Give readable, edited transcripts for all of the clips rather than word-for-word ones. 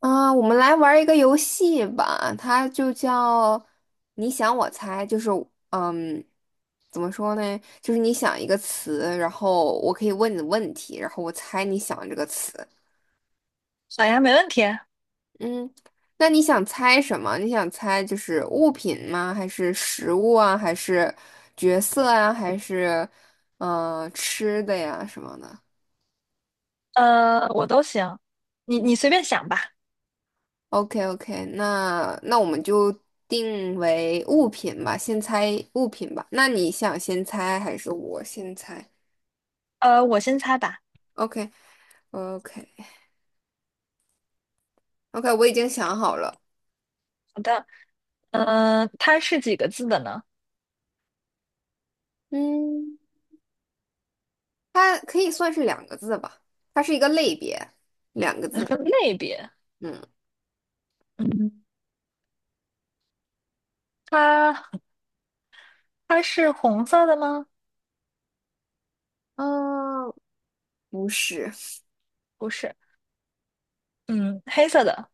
啊，我们来玩儿一个游戏吧，它就叫"你想我猜"，就是嗯，怎么说呢？就是你想一个词，然后我可以问你问题，然后我猜你想这个词。好呀，没问题。嗯，那你想猜什么？你想猜就是物品吗？还是食物啊？还是角色啊？还是吃的呀什么的？呃，我都行，你嗯。你随便想吧。OK OK，那我们就定为物品吧，先猜物品吧。那你想先猜还是我先猜呃，我先猜吧。？OK OK OK，我已经想好了。好的，呃，它是几个字的呢？嗯，它可以算是两个字吧，它是一个类别，两个它是字。个类别。嗯嗯，它它是红色的吗？啊，呃不是，不是。嗯，黑色的，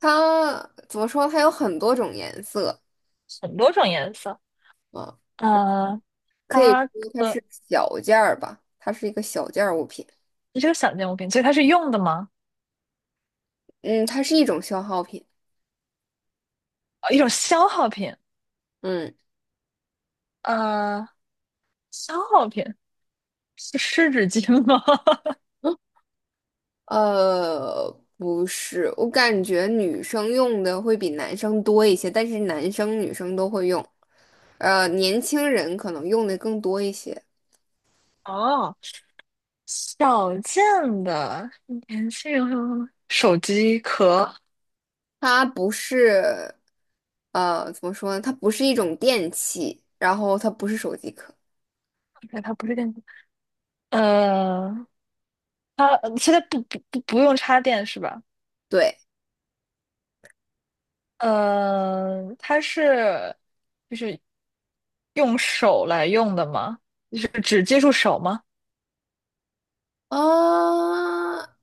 它怎么说？它有很多种颜色很多种颜色。啊，呃，可以它说它可是小件儿吧，它是一个小件儿物品。这是个小件物品，所以它是用的吗？嗯，它是一种消耗品。呃一种消耗品。嗯。呃，消耗品是湿纸巾吗？呃，不是，我感觉女生用的会比男生多一些，但是男生女生都会用，年轻人可能用的更多一些。哦，小件的，年轻人会用手机壳，它不是，怎么说呢？它不是一种电器，然后它不是手机壳，哎，它不是电子，呃，它现在不用插电是吧？对，呃，它是用手来用的吗？就是只接触手吗？啊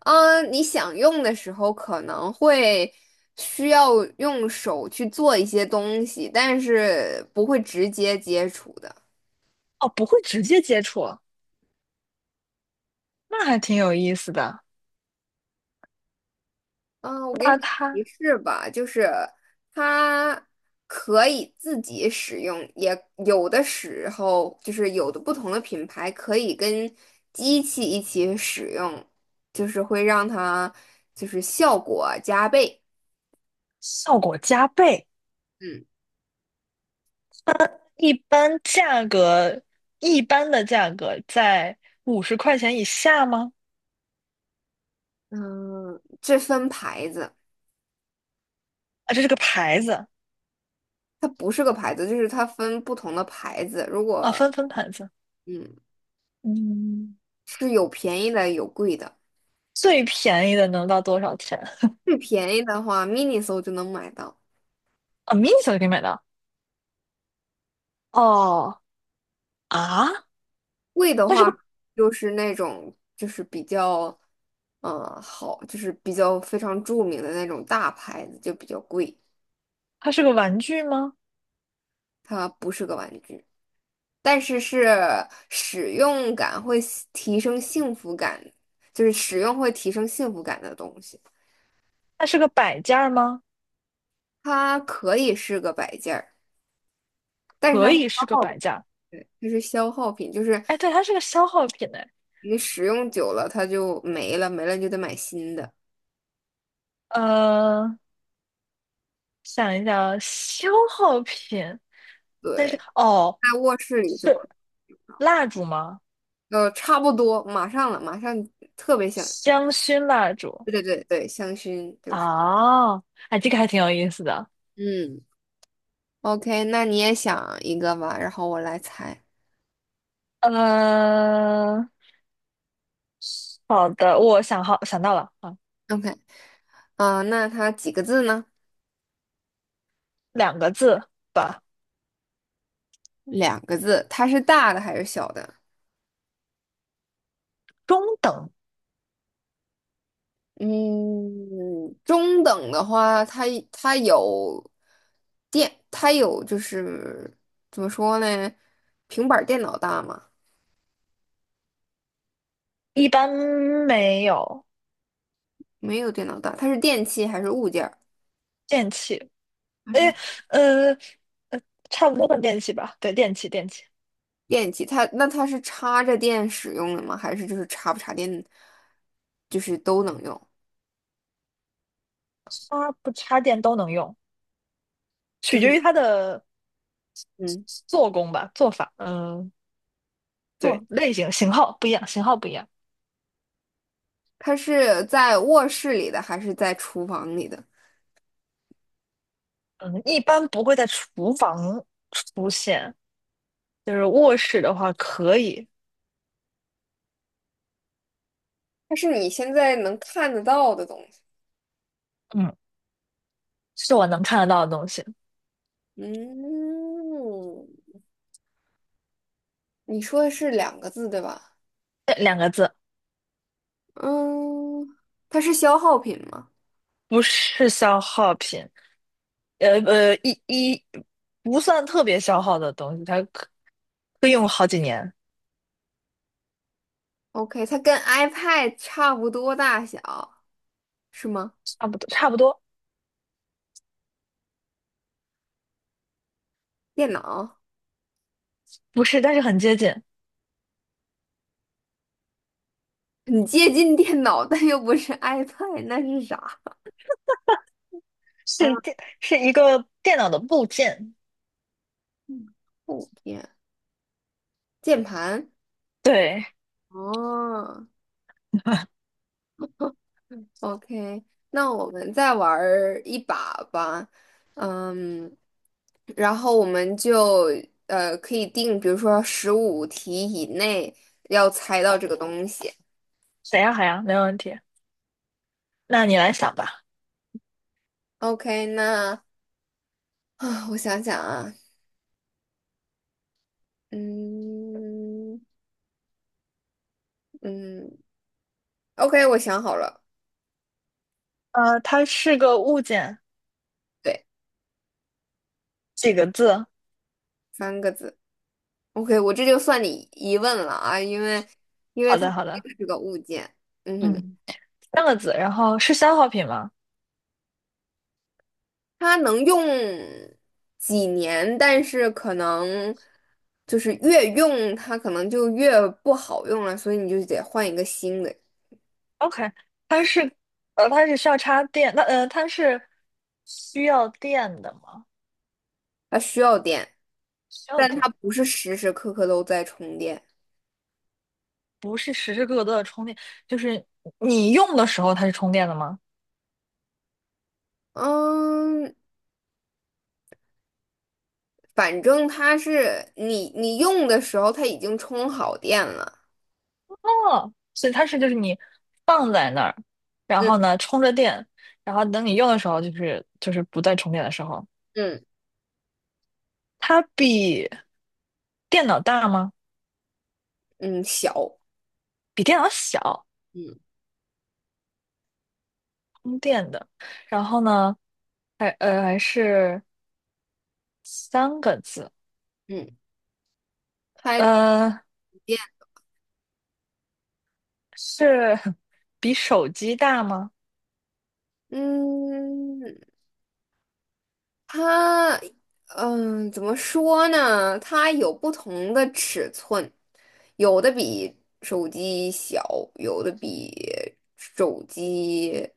你想用的时候可能会需要用手去做一些东西，但是不会直接接触的。哦，不会直接接触啊，那还挺有意思的。嗯，我给你那它提示吧，就是它可以自己使用，也有的时候就是有的不同的品牌可以跟机器一起使用，就是会让它就是效果加倍。效果加倍，嗯一般价格，一般的价格在五十块钱以下吗？嗯，这分牌子，啊，这是个牌子它不是个牌子，就是它分不同的牌子。如啊，果分牌子。嗯嗯，是有便宜的有贵的，最便宜的能到多少钱？最便宜的话，Miniso 就能买到。啊，mini 小就可以买到。哦，啊，贵的它是话，个就是那种就是比较，好，就是比较非常著名的那种大牌子就比较贵，它是个玩具吗？它不是个玩具，但是是使用感会喜提升幸福感，就是使用会提升幸福感的东西。它是个摆件儿吗？它可以是个摆件儿，但是可它是以消是个耗摆品，件儿。它是消耗品，就是哎，对，它是个消耗品哎。你使用久了它就没了，没了你就得买新的。呃，想一想啊，消耗品，但是对，哦，在卧室里就是可。蜡烛吗？差不多，马上了，马上特别想，香薰蜡烛对对对对，香薰就是，啊，哎，这个还挺有意思的。嗯，OK，那你也想一个吧，然后我来猜嗯，好的，我想好想到了啊，，OK，啊，那它几个字呢？两个字。吧。两个字，它是大的还是小的？中等，嗯，中等的话，它有电，它有就是怎么说呢？平板儿电脑大吗？一般没有没有电脑大，它是电器还是物件儿电器，哎，呃呃，差不多的电器吧，对，电器，电器，它那它是插着电使用的吗？还是就是插不插电，就是都能用？插不插电都能用，就取决于是它的嗯，做工吧，做法，嗯、对，坐，类型型号不一样，型号不一样，它是在卧室里的还是在厨房里的？嗯，一般不会在厨房出现，就是卧室的话可以，它是你现在能看得到的东西。嗯，是我能看得到的东西，嗯，你说的是两个字对吧？嗯，它是消耗品吗不是消耗品，呃呃，一一不算特别消耗的东西，它可以用好几年，？OK，它跟 iPad 差不多大小，是吗？差不多，电脑，不是，但是很接近，很接近电脑，但又不是 iPad，那是啥？是啊。电是一个电脑的部件。嗯后天键盘对，哦 ，OK，那我们再玩儿一把吧，嗯，然后我们就可以定，比如说15题以内要猜到这个东西。谁呀？海洋，没问题。那你来想吧。OK，那啊，我想想啊，嗯嗯，OK，我想好了，呃，它是个物件，对，几个字？三个字。OK，我这就算你一问了啊，因为好它的，是好的，这个物件，嗯哼。嗯，三个字。然后是消耗品吗它能用几年，但是可能就是越用它可能就越不好用了，所以你就得换一个新的。？OK，它是，呃，它是需要插电，那呃，它是需要电的吗？它需要电，需要但它电，不是时时刻刻都在充电。不是时时刻刻都在充电，就是你用的时候它是充电的吗？嗯，反正它是你用的时候它已经充好电了。哦，所以它是就是你放在那儿，然后嗯呢充着电，然后等你用的时候就是不再充电的时候，嗯它比电脑大吗？嗯，小，比电脑小，嗯充电的。然后呢，还呃还是三个字，嗯，它不呃电是 比手机大吗？嗯。它，怎么说呢？它有不同的尺寸，有的比手机小，有的比手机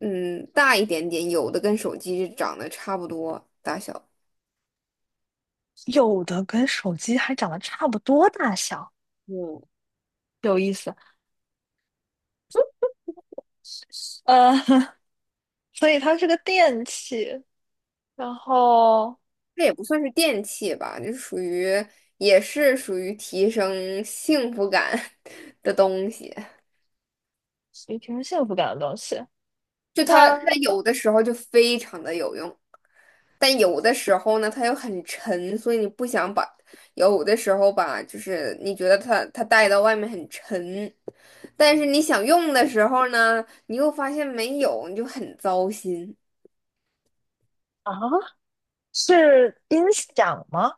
嗯大一点点，有的跟手机长得差不多大小。有的跟手机还长得差不多大小，嗯，有意思。呃，所以它是个电器，然后这也不算是电器吧，就属于也是属于提升幸福感 的东西。也挺有幸福感的东西。就它它有的时候就非常的有用。但有的时候呢，它又很沉，所以你不想把，有的时候吧，就是你觉得它带到外面很沉，但是你想用的时候呢，你又发现没有，你就很糟心。啊，是音响吗？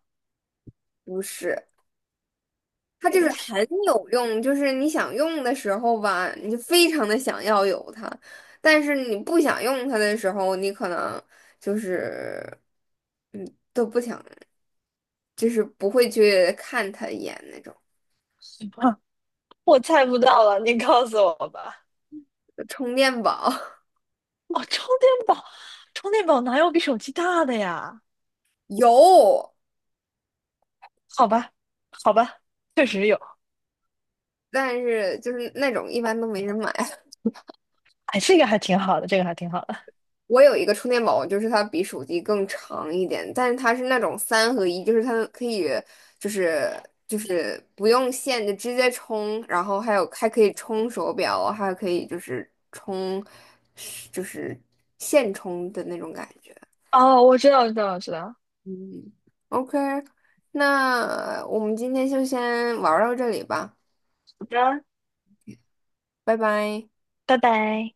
不是，它等就一是下，很有用，就是你想用的时候吧，你就非常的想要有它，但是你不想用它的时候，你可能就是嗯都不想，就是不会去看它一眼那种，我猜不到了，你告诉我吧。就充电宝。哦，充电宝，充电宝哪有比手机大的呀？有，好吧，好吧，确实有。但是就是那种一般都没人买。哎，这个还挺好的，这个还挺好的。我有一个充电宝，就是它比手机更长一点，但是它是那种三合一，就是它可以就是就是不用线就直接充，然后还有还可以充手表，还可以就是充就是线充的那种感觉。我知道。嗯，OK，那我们今天就先玩儿到这里吧，好的，拜拜。拜拜。